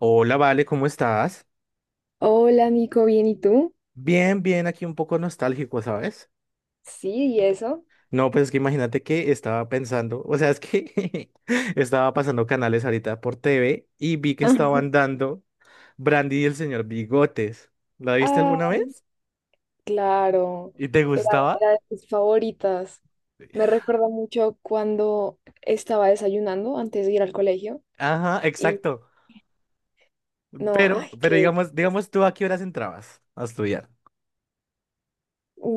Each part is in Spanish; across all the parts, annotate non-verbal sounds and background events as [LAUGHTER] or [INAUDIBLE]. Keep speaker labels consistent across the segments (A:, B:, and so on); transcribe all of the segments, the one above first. A: Hola, Vale, ¿cómo estás?
B: Hola, Nico, ¿bien y tú?
A: Bien, bien, aquí un poco nostálgico, ¿sabes?
B: Sí, ¿y eso?
A: No, pues es que imagínate que estaba pensando, o sea, es que [LAUGHS] estaba pasando canales ahorita por TV y vi que estaban
B: [LAUGHS]
A: dando Brandy y el señor Bigotes. ¿La viste alguna
B: Ay,
A: vez?
B: claro,
A: ¿Y te
B: era,
A: gustaba?
B: era de mis favoritas. Me recuerda mucho cuando estaba desayunando antes de ir al colegio
A: Ajá,
B: y
A: exacto.
B: no,
A: Pero,
B: ay,
A: pero
B: que
A: digamos tú a qué horas entrabas a estudiar.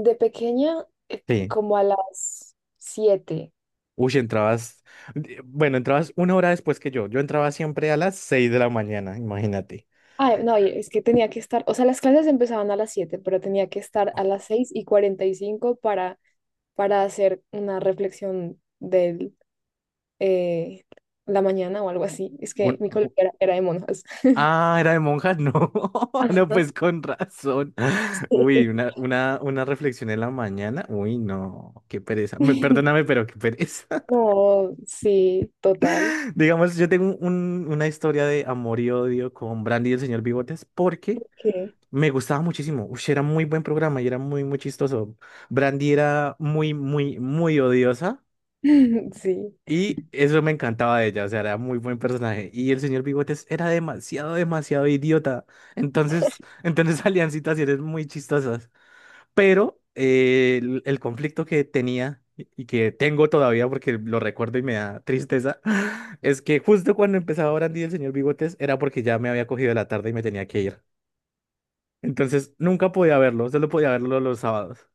B: de pequeña,
A: Sí.
B: como a las 7.
A: Uy, entrabas, bueno, entrabas una hora después que yo. Yo entraba siempre a las 6 de la mañana, imagínate.
B: Ay, no, y es que tenía que estar, o sea, las clases empezaban a las 7, pero tenía que estar a las 6 y 45 para hacer una reflexión del. eh, la mañana o algo así. Es que
A: Un-
B: mi colegio era de monjas. [LAUGHS]
A: Ah, era de monjas, no, [LAUGHS] no,
B: Ajá.
A: pues con razón. [LAUGHS] Uy,
B: Sí.
A: una reflexión en la mañana. Uy, no, qué pereza. Perdóname,
B: [LAUGHS]
A: pero qué pereza.
B: No, sí, total.
A: [LAUGHS] Digamos, yo tengo una historia de amor y odio con Brandy y el señor Bigotes porque
B: Que
A: me gustaba muchísimo. Uy, era muy buen programa y era muy, muy chistoso. Brandy era muy, muy, muy odiosa.
B: [LAUGHS] sí.
A: Y eso me encantaba de ella, o sea, era muy buen personaje. Y el señor Bigotes era demasiado, demasiado idiota. Entonces, [LAUGHS] salían situaciones muy chistosas. Pero el conflicto que tenía y que tengo todavía porque lo recuerdo y me da tristeza, [LAUGHS] es que justo cuando empezaba Brandy y el señor Bigotes era porque ya me había cogido la tarde y me tenía que ir. Entonces, nunca podía verlo, solo podía verlo los sábados.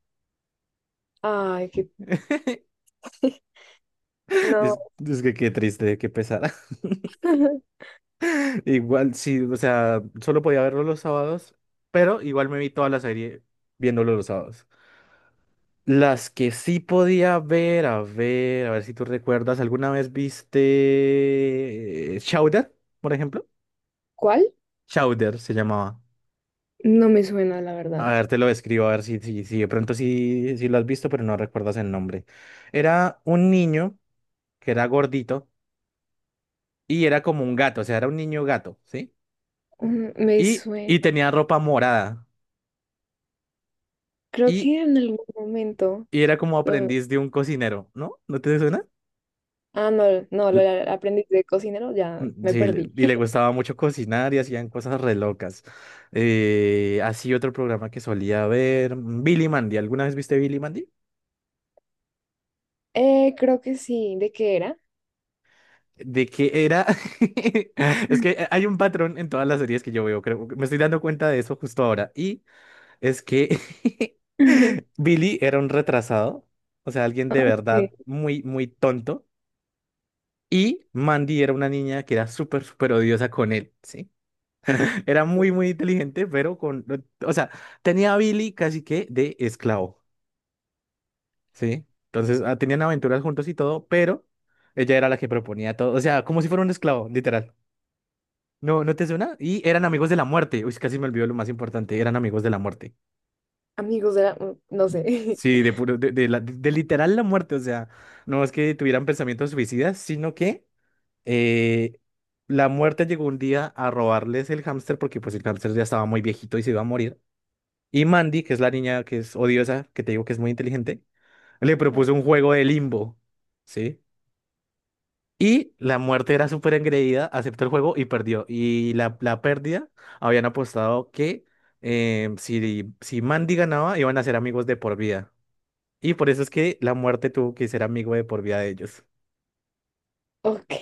B: Ay, qué...
A: [LAUGHS]
B: No.
A: Es que qué triste, qué pesar.
B: [LAUGHS]
A: Igual, sí, o sea, solo podía verlo los sábados, pero igual me vi toda la serie viéndolo los sábados. Las que sí podía ver, a ver, a ver si tú recuerdas, ¿alguna vez viste Chowder, por ejemplo?
B: ¿Cuál?
A: Chowder se llamaba.
B: No me suena, la verdad.
A: A ver, te lo describo, a ver si de pronto sí, sí lo has visto, pero no recuerdas el nombre. Era un niño que era gordito y era como un gato, o sea, era un niño gato, ¿sí?
B: Mm, me suena.
A: Y tenía ropa morada.
B: Creo
A: Y
B: que en algún momento.
A: y era como
B: lo-
A: aprendiz de un cocinero, ¿no? ¿No te suena?
B: Ah, no, no, lo
A: L-
B: del aprendiz de cocinero, ya me
A: Sí,
B: perdí.
A: y le
B: [LAUGHS]
A: gustaba mucho cocinar y hacían cosas re locas. Así otro programa que solía ver, Billy Mandy. ¿Alguna vez viste Billy Mandy?
B: Creo que sí. ¿De qué era?
A: De que era... [LAUGHS] Es que hay un patrón en todas las series que yo veo, creo. Me estoy dando cuenta de eso justo ahora. Y es que [LAUGHS]
B: [LAUGHS]
A: Billy era un retrasado, o sea, alguien de verdad
B: Ok.
A: muy, muy tonto. Y Mandy era una niña que era súper, súper odiosa con él, ¿sí? Era muy, muy inteligente, pero con, o sea, tenía a Billy casi que de esclavo, ¿sí? Entonces, ah, tenían aventuras juntos y todo, pero ella era la que proponía todo, o sea, como si fuera un esclavo, literal. ¿No, no te suena? Y eran amigos de la muerte. Uy, casi me olvidó lo más importante, eran amigos de la muerte.
B: Amigos de la... mm, no sé.
A: Sí, de puro, de la- de literal la muerte, o sea, no es que tuvieran pensamientos suicidas, sino que eh, la muerte llegó un día a robarles el hámster porque pues el hámster ya estaba muy viejito y se iba a morir. Y Mandy, que es la niña que es odiosa, que te digo que es muy inteligente, le propuso un
B: [LAUGHS]
A: juego de limbo, ¿sí? Y la muerte era súper engreída, aceptó el juego y perdió. Y la pérdida, habían apostado que si Mandy ganaba, iban a ser amigos de por vida. Y por eso es que la muerte tuvo que ser amigo de por vida de ellos.
B: Ok.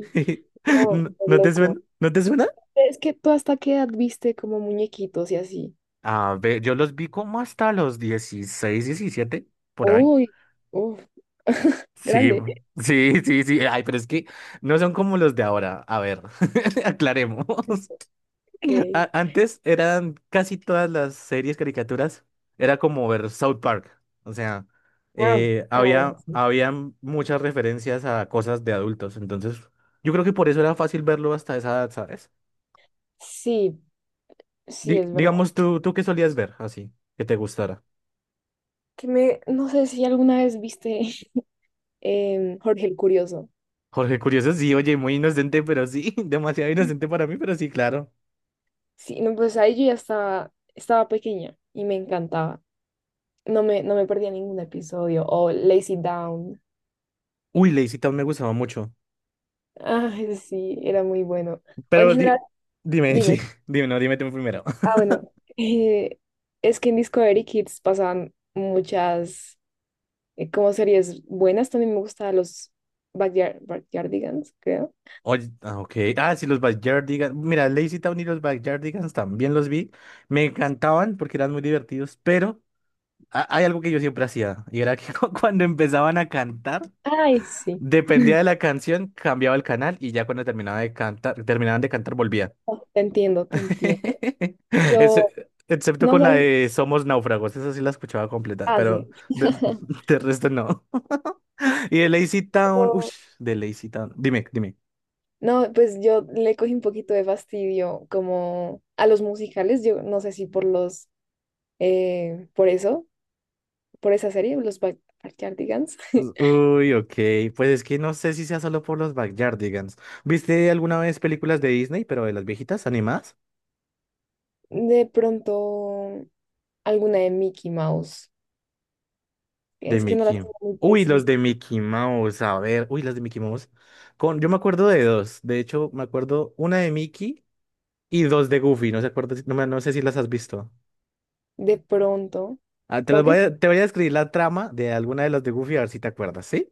A: [LAUGHS]
B: No,
A: ¿No
B: qué
A: no te
B: loco.
A: suena? ¿No te suena?
B: Es que tú hasta qué edad viste como muñequitos y así.
A: A ver, yo los vi como hasta los 16, 17, por ahí.
B: Uy, uf, [LAUGHS]
A: Sí,
B: grande.
A: sí, sí, sí. Ay, pero es que no son como los de ahora. A ver, [LAUGHS] aclaremos.
B: Ok.
A: [LAUGHS] Antes eran casi todas las series, caricaturas, era como ver South Park. O sea,
B: Ah, ah, bueno,
A: había,
B: sí.
A: habían muchas referencias a cosas de adultos. Entonces, yo creo que por eso era fácil verlo hasta esa edad, ¿sabes?
B: Sí, sí,
A: Di-
B: es verdad.
A: digamos, tú, ¿tú qué solías ver así, que te gustara?
B: Que me, no sé si alguna vez viste [LAUGHS] Jorge el Curioso.
A: Jorge Curioso, sí, oye, muy inocente, pero sí, [LAUGHS] demasiado inocente para mí, pero sí, claro.
B: Sí, no, pues ahí yo ya estaba pequeña y me encantaba. No me perdía ningún episodio. O Lazy Down.
A: Uy, Lazy Town me gustaba mucho.
B: Ah, sí, era muy bueno. O
A: Pero
B: en general,
A: dime, [LAUGHS] sí,
B: dime.
A: dime, no, dime tú primero.
B: Ah,
A: [LAUGHS]
B: bueno, eh, es que en Discovery Kids pasaban muchas como series buenas. También me gustaban los Backyardigans, creo.
A: Oye, ah, ok. Ah, sí, los Backyardigans. Mira, Lazy Town y los Backyardigans también los vi. Me encantaban porque eran muy divertidos, pero hay algo que yo siempre hacía y era que [LAUGHS] cuando empezaban a cantar,
B: Ay, sí.
A: dependía de la canción, cambiaba el canal y ya cuando terminaba de cantar, terminaban de cantar, volvía.
B: Oh, te entiendo, te entiendo.
A: [LAUGHS]
B: Yo,
A: Excepto
B: no
A: con la
B: sé,
A: de Somos náufragos, esa sí la escuchaba completa,
B: ah, sí.
A: pero de,
B: [LAUGHS]
A: [LAUGHS] de resto no. [LAUGHS] Y de Lazy Town, uff,
B: Yo-
A: de Lazy Town, dime, dime.
B: No, pues yo le cogí un poquito de fastidio como a los musicales. Yo no sé si por por eso, por esa serie, los Backyardigans. [LAUGHS]
A: Uy, ok, pues es que no sé si sea solo por los Backyardigans. ¿Viste alguna vez películas de Disney, pero de las viejitas animadas?
B: De pronto, alguna de Mickey Mouse.
A: De
B: Es que no las
A: Mickey.
B: tengo muy
A: Uy, los
B: presente.
A: de Mickey Mouse, a ver, uy, las de Mickey Mouse. Con, yo me acuerdo de dos, de hecho, me acuerdo una de Mickey y dos de Goofy, no, no, no sé si las has visto.
B: De pronto,
A: Ah, te
B: creo
A: los
B: que
A: voy
B: sí.
A: a, te voy a describir la trama de alguna de las de Goofy, a ver si te acuerdas, ¿sí?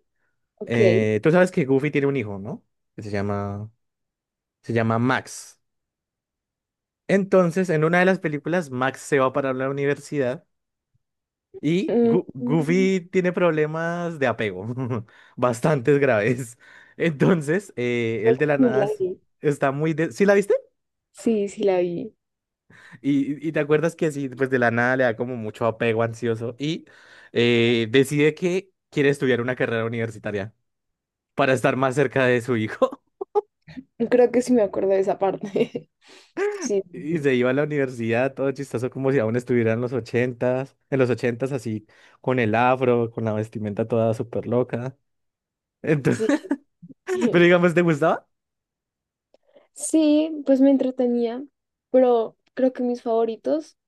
B: Ok.
A: Tú sabes que Goofy tiene un hijo, ¿no? Que se llama Max. Entonces, en una de las películas, Max se va para la universidad y
B: Mm, mm,
A: Goofy tiene problemas de apego, [LAUGHS] bastantes graves. Entonces, él de la
B: sí
A: nada
B: la vi.
A: está muy... De... ¿Sí la viste?
B: Sí, sí la vi.
A: Y te acuerdas que sí, pues de la nada le da como mucho apego ansioso y decide que quiere estudiar una carrera universitaria para estar más cerca de su hijo. [LAUGHS]
B: Creo que sí me acuerdo de esa parte. [LAUGHS] Sí,
A: Y se iba a la universidad, todo chistoso, como si aún estuviera en los ochentas así, con el afro, con la vestimenta toda súper loca. Entonces,
B: sí.
A: [LAUGHS] pero
B: [LAUGHS] Sí,
A: digamos, ¿te gustaba?
B: sí, pues me entretenía, pero creo que mis favoritos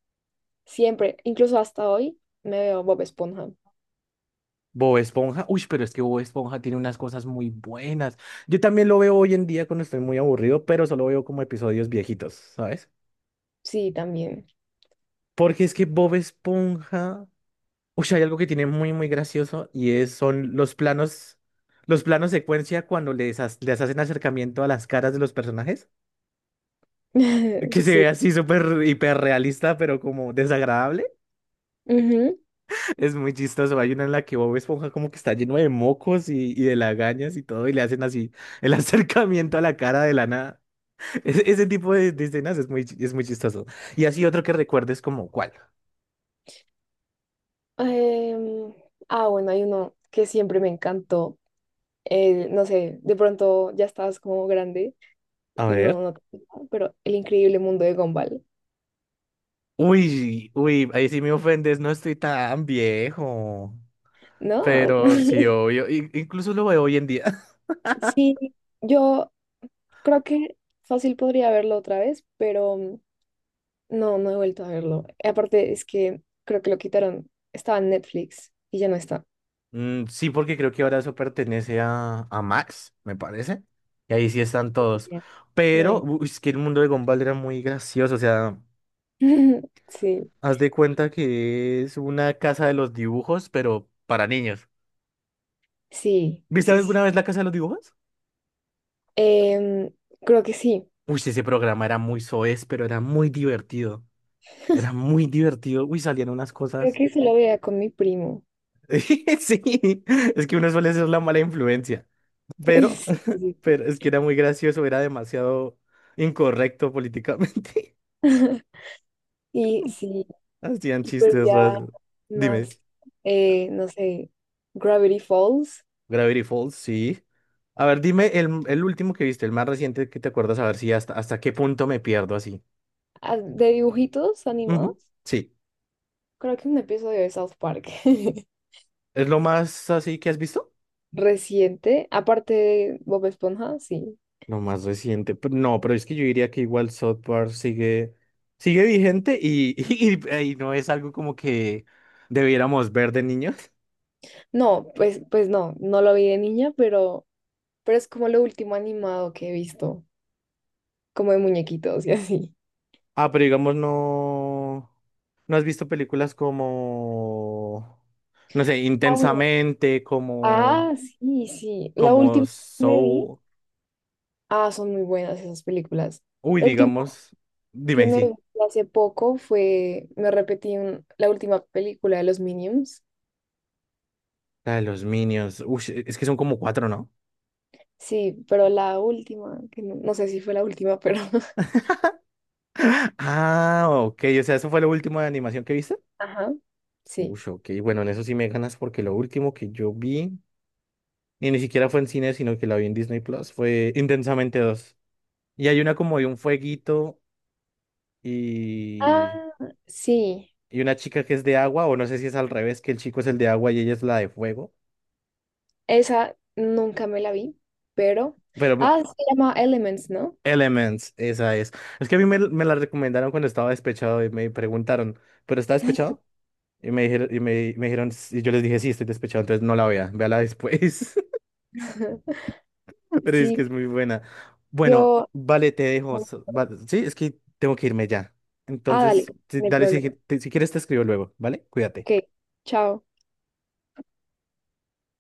B: siempre, incluso hasta hoy, me veo Bob Esponja.
A: Bob Esponja, uy, pero es que Bob Esponja tiene unas cosas muy buenas. Yo también lo veo hoy en día cuando estoy muy aburrido, pero solo veo como episodios viejitos, ¿sabes?
B: Sí, también.
A: Porque es que Bob Esponja, uy, hay algo que tiene muy, muy gracioso y es, son los planos secuencia cuando les, les hacen acercamiento a las caras de los personajes, que
B: [LAUGHS]
A: se
B: Sí.
A: ve así súper hiperrealista, pero como desagradable.
B: Ujú.
A: Es muy chistoso. Hay una en la que Bob Esponja como que está lleno de mocos y de lagañas y todo, y le hacen así el [LAUGHS] acercamiento a la cara de la nada. Ese tipo de escenas es muy, es muy chistoso. Y así otro que recuerdes como, ¿cuál?
B: Em, ah, bueno, hay uno que siempre me encantó. El, no sé, de pronto ya estabas como grande.
A: A
B: No,
A: ver.
B: no, tengo, pero El increíble mundo de Gumball,
A: Uy, uy, ahí sí me ofendes, no estoy tan viejo.
B: ¿no? Ah,
A: Pero sí,
B: [LAUGHS]
A: obvio. Incluso lo veo hoy en día. [LAUGHS]
B: sí, yo creo que fácil podría verlo otra vez, pero mm, no, no he vuelto a verlo. Y aparte es que creo que lo quitaron, estaba en Netflix y ya no está.
A: Mm, sí, porque creo que ahora eso pertenece a Max, me parece. Y ahí sí están todos.
B: Ya. Ay,
A: Pero,
B: no.
A: uy, es que el mundo de Gumball era muy gracioso. O sea,
B: [LAUGHS] Sí,
A: haz de cuenta que es una casa de los dibujos, pero para niños.
B: sí,
A: ¿Viste
B: sí,
A: alguna
B: sí.
A: vez la casa de los dibujos?
B: Em, creo que sí,
A: Uy, ese programa era muy soez, pero era muy divertido. Era muy divertido. Uy, salían unas
B: creo
A: cosas.
B: que se lo veía con mi primo.
A: [LAUGHS] Sí, es que uno suele ser la mala influencia. Pero
B: [LAUGHS] Sí, sí,
A: Pero es que era muy gracioso, era demasiado incorrecto políticamente.
B: sí. [LAUGHS] Y
A: [LAUGHS]
B: sí,
A: Hacían
B: y pues
A: chistes
B: ya
A: raros. Dime,
B: más, no sé, Gravity Falls.
A: Gravity Falls, sí. A ver, dime el último que viste, el más reciente que te acuerdas, a ver si hasta, hasta qué punto me pierdo así.
B: Ah, de dibujitos
A: Ujú,
B: animados.
A: sí.
B: Creo que un episodio de South Park [LAUGHS]
A: ¿Es lo más así que has visto?
B: reciente, aparte de Bob Esponja, sí.
A: Lo más reciente. No, pero es que yo diría que igual South Park sigue, sigue vigente y, [LAUGHS] y no es algo como que debiéramos ver de niños.
B: No, pues, pues no, no lo vi de niña, pero es como lo último animado que he visto, como de muñequitos y así.
A: Ah, pero digamos, no. ¿No has visto películas como... no sé,
B: Ah, bueno.
A: intensamente, como...
B: Ah, sí, sí. La
A: como
B: última que me vi.
A: Soul?
B: Ah, son muy buenas esas películas.
A: Uy,
B: El último
A: digamos.
B: que
A: Dime
B: me
A: si.
B: vi hace poco fue, me repetí la última película de los Minions.
A: La de los Minions. Uy, es que son como cuatro, ¿no?
B: Sí, pero la última, que no, no sé si fue la última, pero [LAUGHS]
A: Ah, ok. O sea, ¿eso fue lo último de animación que viste?
B: ajá, sí.
A: Uy, ok. Bueno, en eso sí me ganas porque lo último que yo vi... y ni siquiera fue en cine, sino que la vi en Disney Plus, fue Intensamente dos. Y hay una como de un fueguito
B: Ah,
A: y...
B: sí,
A: y una chica que es de agua, o no sé si es al revés, que el chico es el de agua y ella es la de fuego,
B: esa nunca me la vi, pero...
A: pero
B: Ah, se llama Elements, ¿no?
A: Elements, esa es. Es que a mí me, me la recomendaron cuando estaba despechado y me preguntaron, ¿pero está despechado? Y me dijeron, y me dijeron, y yo les dije, sí, estoy despechado, entonces no la vea, véala después,
B: [LAUGHS]
A: [LAUGHS] pero es que
B: Sí,
A: es muy buena. Bueno,
B: yo...
A: vale, te dejo, sí, es que tengo que irme ya.
B: Ah, dale,
A: Entonces, sí,
B: no hay
A: dale, si,
B: problema.
A: si quieres te escribo luego, ¿vale?
B: Ok,
A: Cuídate.
B: chao.